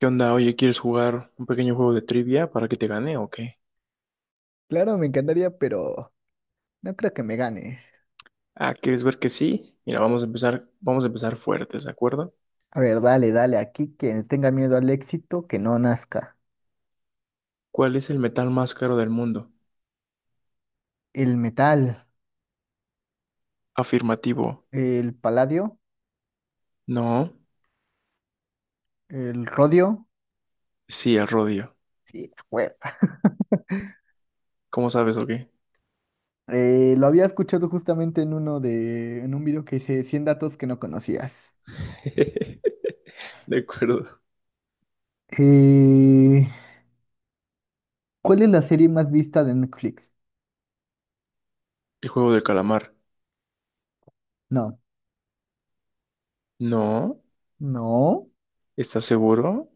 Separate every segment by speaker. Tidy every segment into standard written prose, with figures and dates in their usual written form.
Speaker 1: ¿Qué onda? Oye, ¿quieres jugar un pequeño juego de trivia para que te gane o qué?
Speaker 2: Claro, me encantaría, pero no creo que me ganes.
Speaker 1: Ah, ¿quieres ver que sí? Mira, vamos a empezar fuertes, ¿de acuerdo?
Speaker 2: A ver, dale, dale, aquí quien tenga miedo al éxito, que no nazca.
Speaker 1: ¿Cuál es el metal más caro del mundo?
Speaker 2: El metal,
Speaker 1: Afirmativo.
Speaker 2: el paladio,
Speaker 1: No.
Speaker 2: el rodio,
Speaker 1: Sí, el rodio.
Speaker 2: sí, bueno.
Speaker 1: ¿Cómo sabes o qué?
Speaker 2: Lo había escuchado justamente en un video que hice 100 datos que no conocías.
Speaker 1: De acuerdo.
Speaker 2: Eh, ¿cuál es la serie más vista de Netflix?
Speaker 1: El juego del calamar.
Speaker 2: No,
Speaker 1: No.
Speaker 2: no,
Speaker 1: ¿Estás seguro?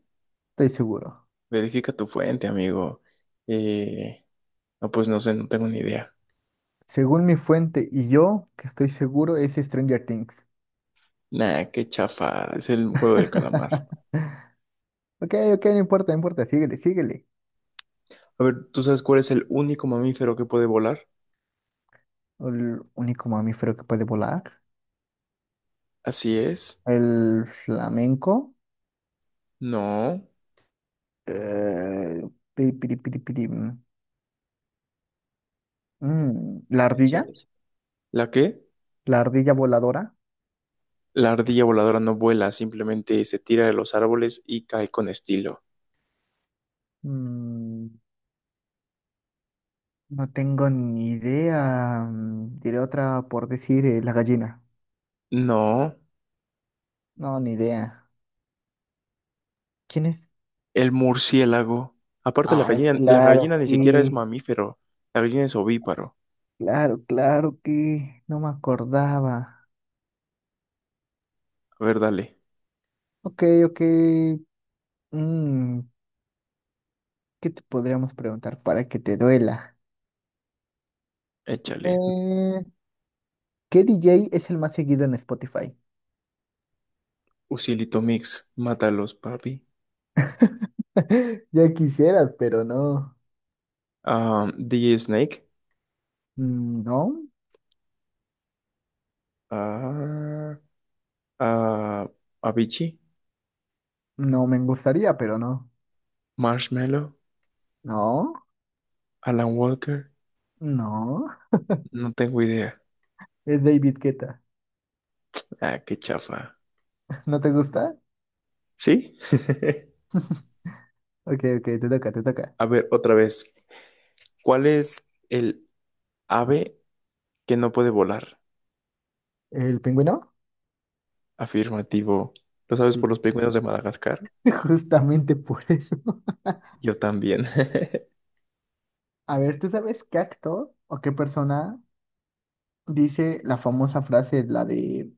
Speaker 2: estoy seguro.
Speaker 1: Verifica tu fuente, amigo. Eh, no, pues no sé, no tengo ni idea.
Speaker 2: Según mi fuente y yo, que estoy seguro, es Stranger Things.
Speaker 1: Nah, qué chafa. Es el juego del calamar.
Speaker 2: Ok, ok, no importa, no importa, síguele, síguele.
Speaker 1: A ver, ¿tú sabes cuál es el único mamífero que puede volar?
Speaker 2: El único mamífero que puede volar.
Speaker 1: Así es.
Speaker 2: El flamenco.
Speaker 1: No.
Speaker 2: eh, Piri, piri, piri, piri, la ardilla.
Speaker 1: Écheles. ¿La qué?
Speaker 2: La ardilla voladora.
Speaker 1: La ardilla voladora no vuela, simplemente se tira de los árboles y cae con estilo.
Speaker 2: Mm, no tengo ni idea. Diré otra por decir la gallina.
Speaker 1: No,
Speaker 2: No, ni idea. ¿Quién es?
Speaker 1: el murciélago. Aparte,
Speaker 2: Ah,
Speaker 1: la
Speaker 2: claro
Speaker 1: gallina ni siquiera es
Speaker 2: que.
Speaker 1: mamífero. La gallina es ovíparo.
Speaker 2: Claro, claro que. No me acordaba.
Speaker 1: A ver, dale,
Speaker 2: Ok, ok. mm, ¿qué te podríamos preguntar para que te duela?
Speaker 1: échale.
Speaker 2: Eh, ¿Qué DJ es el más seguido en Spotify?
Speaker 1: Usilito mix, mátalos, papi.
Speaker 2: Ya quisieras, pero no.
Speaker 1: Ah, DJ Snake.
Speaker 2: No,
Speaker 1: Ah, ah, Avicii.
Speaker 2: no me gustaría, pero no.
Speaker 1: Marshmallow.
Speaker 2: No,
Speaker 1: Alan Walker.
Speaker 2: no.
Speaker 1: No tengo idea.
Speaker 2: Es David Guetta.
Speaker 1: Ah, qué chafa.
Speaker 2: ¿No te gusta?
Speaker 1: ¿Sí?
Speaker 2: Ok, ok, te toca, te toca.
Speaker 1: A ver, otra vez. ¿Cuál es el ave que no puede volar?
Speaker 2: ¿El pingüino?
Speaker 1: Afirmativo. ¿Lo sabes
Speaker 2: Sí.
Speaker 1: por los pingüinos de Madagascar?
Speaker 2: Justamente por eso.
Speaker 1: Yo también.
Speaker 2: A ver, ¿tú sabes qué actor o qué persona dice la famosa frase, la de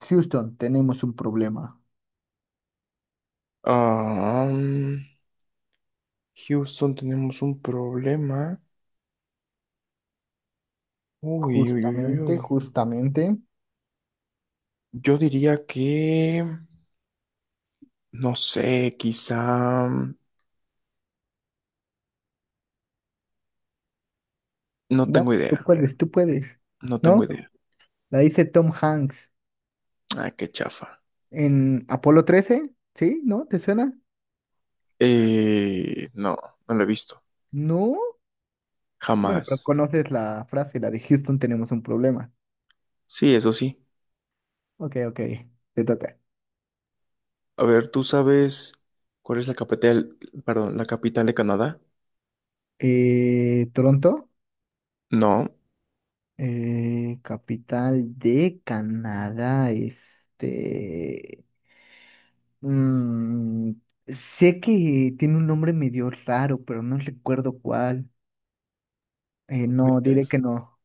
Speaker 2: Houston, tenemos un problema?
Speaker 1: Ah, mm, Houston, tenemos un problema. Uy, uy, uy, uy,
Speaker 2: Justamente,
Speaker 1: uy.
Speaker 2: justamente.
Speaker 1: Yo diría que, no sé, quizá no
Speaker 2: Vamos,
Speaker 1: tengo
Speaker 2: tú
Speaker 1: idea.
Speaker 2: puedes, tú puedes.
Speaker 1: No tengo
Speaker 2: ¿No?
Speaker 1: idea.
Speaker 2: La dice Tom Hanks
Speaker 1: Ah, qué chafa.
Speaker 2: en Apolo 13. ¿Sí? ¿No? ¿Te suena?
Speaker 1: No, no lo he visto.
Speaker 2: No. Bueno, pero
Speaker 1: Jamás.
Speaker 2: conoces la frase, la de Houston tenemos un problema.
Speaker 1: Sí, eso sí.
Speaker 2: Ok, ok, te toca.
Speaker 1: A ver, ¿tú sabes cuál es la capital, perdón, la capital de Canadá?
Speaker 2: Toronto,
Speaker 1: No.
Speaker 2: capital de Canadá, este, mm, sé que tiene un nombre medio raro, pero no recuerdo cuál. No, diré
Speaker 1: ¿Mientes?
Speaker 2: que no.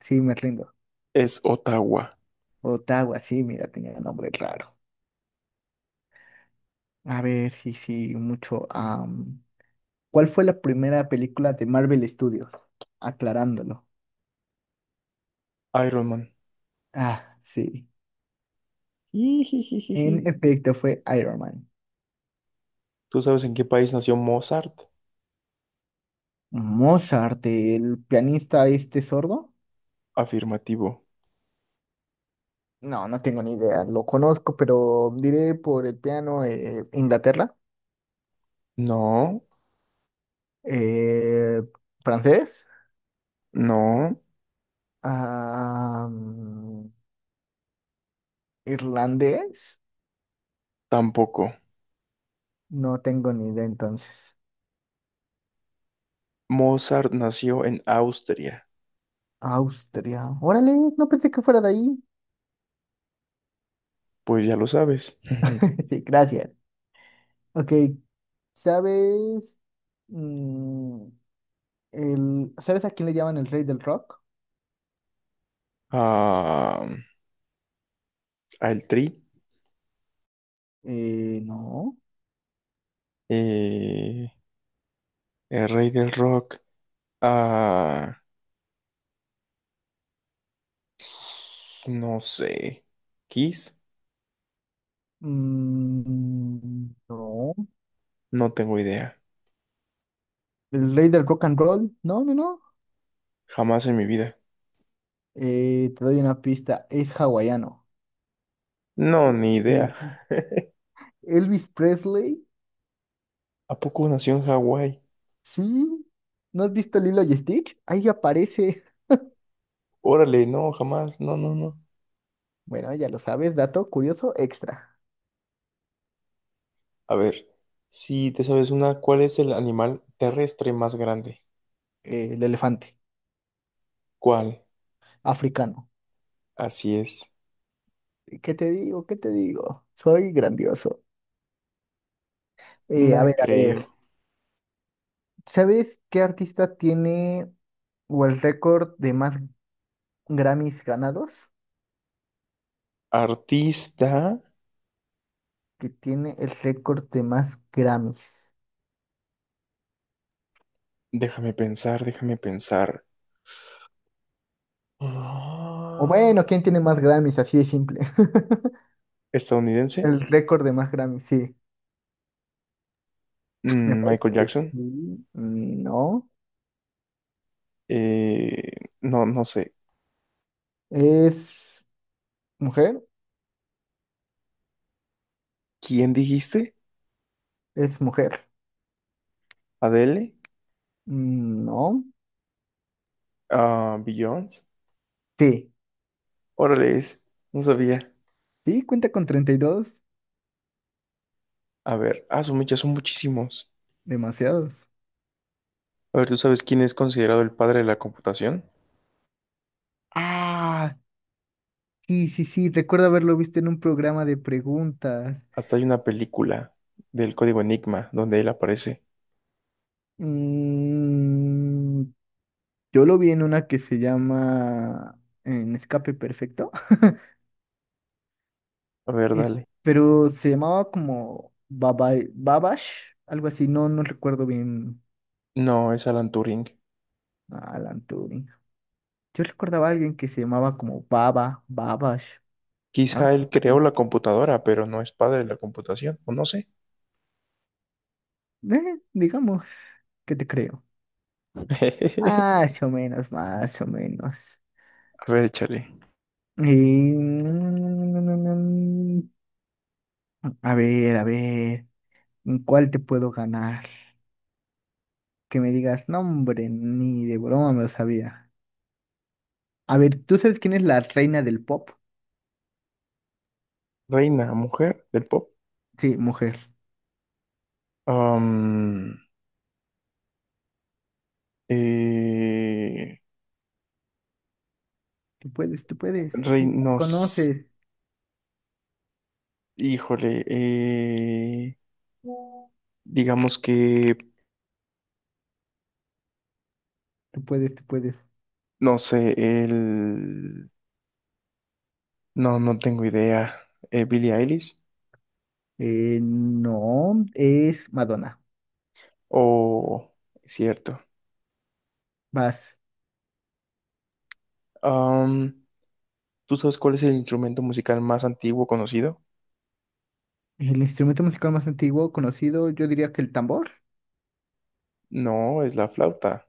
Speaker 2: Sí, me rindo.
Speaker 1: Es Ottawa.
Speaker 2: Ottawa, sí, mira, tenía nombre raro. A ver, sí, sí, mucho. ¿Cuál fue la primera película de Marvel Studios? Aclarándolo.
Speaker 1: Iron Man.
Speaker 2: Ah, sí.
Speaker 1: Jijijijiji.
Speaker 2: En efecto, fue Iron Man.
Speaker 1: ¿Tú sabes en qué país nació Mozart?
Speaker 2: Mozart, el pianista este sordo.
Speaker 1: Afirmativo.
Speaker 2: No, no tengo ni idea. Lo conozco, pero diré por el piano Inglaterra.
Speaker 1: No,
Speaker 2: Eh, Francés.
Speaker 1: no,
Speaker 2: am, Irlandés.
Speaker 1: tampoco.
Speaker 2: No tengo ni idea entonces.
Speaker 1: Mozart nació en Austria.
Speaker 2: Austria. Órale, no pensé que fuera de ahí.
Speaker 1: Pues ya lo sabes.
Speaker 2: Sí, gracias. Ok, ¿sabes? mm, ¿Sabes a quién le llaman el rey del rock?
Speaker 1: Ah, al Tri.
Speaker 2: No.
Speaker 1: eh, el rey del rock. Ah, no sé. Kiss.
Speaker 2: No.
Speaker 1: No tengo idea.
Speaker 2: ¿El rey del rock and roll? No, no, no.
Speaker 1: Jamás en mi vida.
Speaker 2: Te doy una pista, es hawaiano.
Speaker 1: No, ni idea.
Speaker 2: El- Elvis Presley,
Speaker 1: ¿A poco nació en Hawái?
Speaker 2: sí. ¿No has visto Lilo y Stitch? Ahí aparece.
Speaker 1: Órale, no, jamás. No, no, no.
Speaker 2: Bueno, ya lo sabes, dato curioso extra.
Speaker 1: A ver, si te sabes una, ¿cuál es el animal terrestre más grande?
Speaker 2: El elefante
Speaker 1: ¿Cuál?
Speaker 2: africano.
Speaker 1: Así es.
Speaker 2: ¿Qué te digo? ¿Qué te digo? Soy grandioso.
Speaker 1: No
Speaker 2: A ver, a ver.
Speaker 1: creo.
Speaker 2: ¿Sabes qué artista tiene o el récord de más Grammys ganados?
Speaker 1: Artista.
Speaker 2: Que tiene el récord de más Grammys.
Speaker 1: Déjame pensar, déjame pensar.
Speaker 2: O
Speaker 1: Ah,
Speaker 2: bueno, ¿quién tiene más Grammys? Así de simple.
Speaker 1: ¿estadounidense?
Speaker 2: El récord de más Grammys, sí. Me
Speaker 1: Mm,
Speaker 2: parece
Speaker 1: Michael
Speaker 2: que sí.
Speaker 1: Jackson.
Speaker 2: No.
Speaker 1: Eh, no, no sé.
Speaker 2: ¿Es mujer?
Speaker 1: ¿Quién dijiste?
Speaker 2: Es mujer.
Speaker 1: ¿Adele?
Speaker 2: No.
Speaker 1: Ah, Beyoncé.
Speaker 2: Sí.
Speaker 1: Órale, es. No sabía.
Speaker 2: Sí, cuenta con 32.
Speaker 1: A ver, ah, su mecha, son muchísimos.
Speaker 2: Demasiados.
Speaker 1: A ver, ¿tú sabes quién es considerado el padre de la computación?
Speaker 2: Ah, sí, sí, sí. Recuerdo haberlo visto en un programa de preguntas.
Speaker 1: Hasta hay una película del código Enigma donde él aparece.
Speaker 2: Mm, yo lo vi en una que se llama En Escape Perfecto.
Speaker 1: A ver, dale.
Speaker 2: Pero se llamaba como Baba Babash, algo así, no, no recuerdo bien
Speaker 1: No, es Alan Turing.
Speaker 2: a Alan Turing. Yo recordaba a alguien que se llamaba como Baba, Babash,
Speaker 1: Quizá
Speaker 2: algo
Speaker 1: él creó
Speaker 2: así.
Speaker 1: la computadora, pero no es padre de la computación, o no sé.
Speaker 2: Digamos, ¿qué te creo? Más o menos, más o menos.
Speaker 1: A ver, échale.
Speaker 2: Y, mm, a ver, ¿en cuál te puedo ganar? Que me digas, no, hombre, ni de broma me lo sabía. A ver, ¿tú sabes quién es la reina del pop?
Speaker 1: Reina, mujer del pop.
Speaker 2: Sí, mujer.
Speaker 1: Am, eh,
Speaker 2: Tú puedes, tú puedes. Sí, la
Speaker 1: Reinos,
Speaker 2: conoces.
Speaker 1: híjole, digamos que,
Speaker 2: Tú puedes, tú puedes.
Speaker 1: no sé, el... No, no tengo idea. ¿Billie Eilish?
Speaker 2: No, es Madonna.
Speaker 1: O cierto.
Speaker 2: Vas.
Speaker 1: Am, ¿Tú sabes cuál es el instrumento musical más antiguo conocido?
Speaker 2: El instrumento musical más antiguo conocido, yo diría que el tambor.
Speaker 1: No, es la flauta.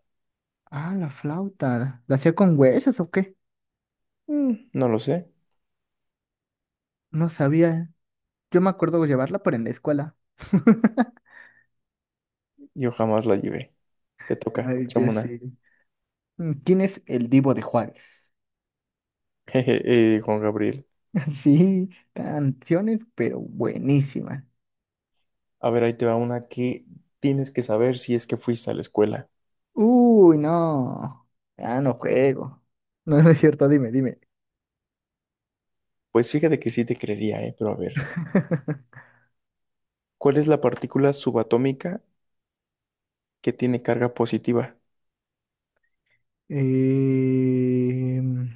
Speaker 2: Ah, la flauta. ¿La hacía con huesos o qué?
Speaker 1: Mm, no lo sé.
Speaker 2: No sabía. Yo me acuerdo llevarla, pero en la escuela.
Speaker 1: Yo jamás la llevé. Te toca,
Speaker 2: Ay,
Speaker 1: échame
Speaker 2: yo
Speaker 1: una.
Speaker 2: sí. ¿Quién es el Divo de Juárez?
Speaker 1: Jeje, Juan Gabriel.
Speaker 2: Sí, canciones, pero buenísimas.
Speaker 1: A ver, ahí te va una que tienes que saber si es que fuiste a la escuela.
Speaker 2: Uy, no. Ya no juego. No, no es cierto, dime, dime.
Speaker 1: Pues fíjate que sí te creería, pero a ver. ¿Cuál es la partícula subatómica que tiene carga positiva?
Speaker 2: Em,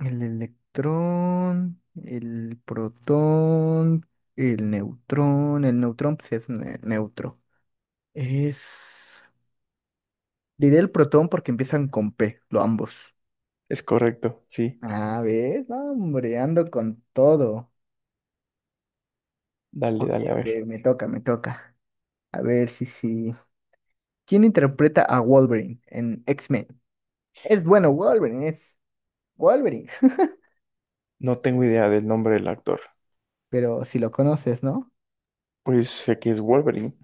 Speaker 2: el electrón, el protón, el neutrón. El neutrón, pues es neutro. Es. Diré el protón porque empiezan con P, lo ambos.
Speaker 1: Es correcto, sí.
Speaker 2: A ver, hombre, ando con todo.
Speaker 1: Dale,
Speaker 2: Ok,
Speaker 1: dale, a
Speaker 2: ok,
Speaker 1: ver.
Speaker 2: me toca, me toca. A ver si sí. ¿Quién interpreta a Wolverine en X-Men? Es bueno, Wolverine, es Wolverine.
Speaker 1: No tengo idea del nombre del actor.
Speaker 2: Pero si lo conoces, ¿no?
Speaker 1: Pues sé que es Wolverine.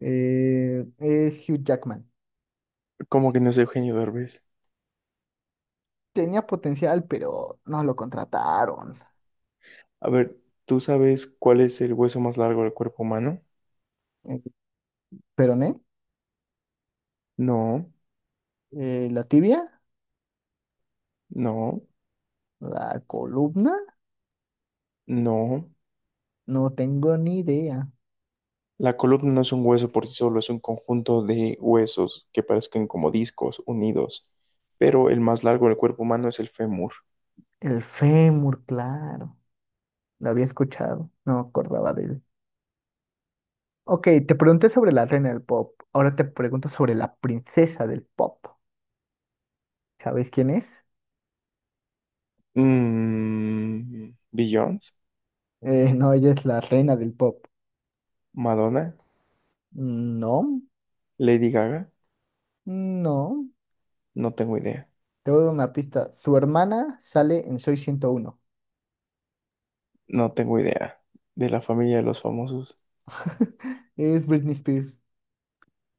Speaker 2: Es Hugh Jackman.
Speaker 1: Como que no es Eugenio Derbez.
Speaker 2: Tenía potencial, pero no lo contrataron.
Speaker 1: A ver, ¿tú sabes cuál es el hueso más largo del cuerpo humano?
Speaker 2: Eh, Peroné,
Speaker 1: No,
Speaker 2: la tibia,
Speaker 1: no,
Speaker 2: la columna,
Speaker 1: no.
Speaker 2: no tengo ni idea.
Speaker 1: La columna no es un hueso por sí solo, es un conjunto de huesos que parecen como discos unidos. Pero el más largo del cuerpo humano es el fémur.
Speaker 2: El fémur, claro. Lo había escuchado, no me acordaba de él. Ok, te pregunté sobre la reina del pop. Ahora te pregunto sobre la princesa del pop. ¿Sabes quién es?
Speaker 1: Mmm. Beyoncé,
Speaker 2: No, ella es la reina del pop.
Speaker 1: Madonna,
Speaker 2: No,
Speaker 1: Lady Gaga.
Speaker 2: no.
Speaker 1: No tengo idea.
Speaker 2: Te voy a dar una pista. Su hermana sale en Soy 101.
Speaker 1: No tengo idea. De la familia de los famosos.
Speaker 2: Es Britney Spears.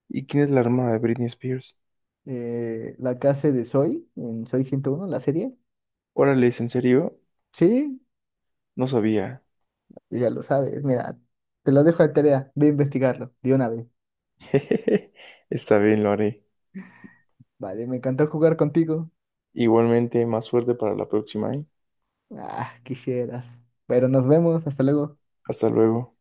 Speaker 1: ¿Y quién es la hermana de Britney Spears?
Speaker 2: La que hace de Soy en Soy 101 la serie.
Speaker 1: Órale, ¿es en serio?
Speaker 2: Sí,
Speaker 1: No sabía.
Speaker 2: ya lo sabes. Mira, te lo dejo de tarea. Ve a investigarlo de una vez.
Speaker 1: Está bien, lo haré.
Speaker 2: Vale, me encantó jugar contigo.
Speaker 1: Igualmente, más suerte para la próxima, ¿eh?
Speaker 2: Ah, quisieras. Pero nos vemos. Hasta luego.
Speaker 1: Hasta luego.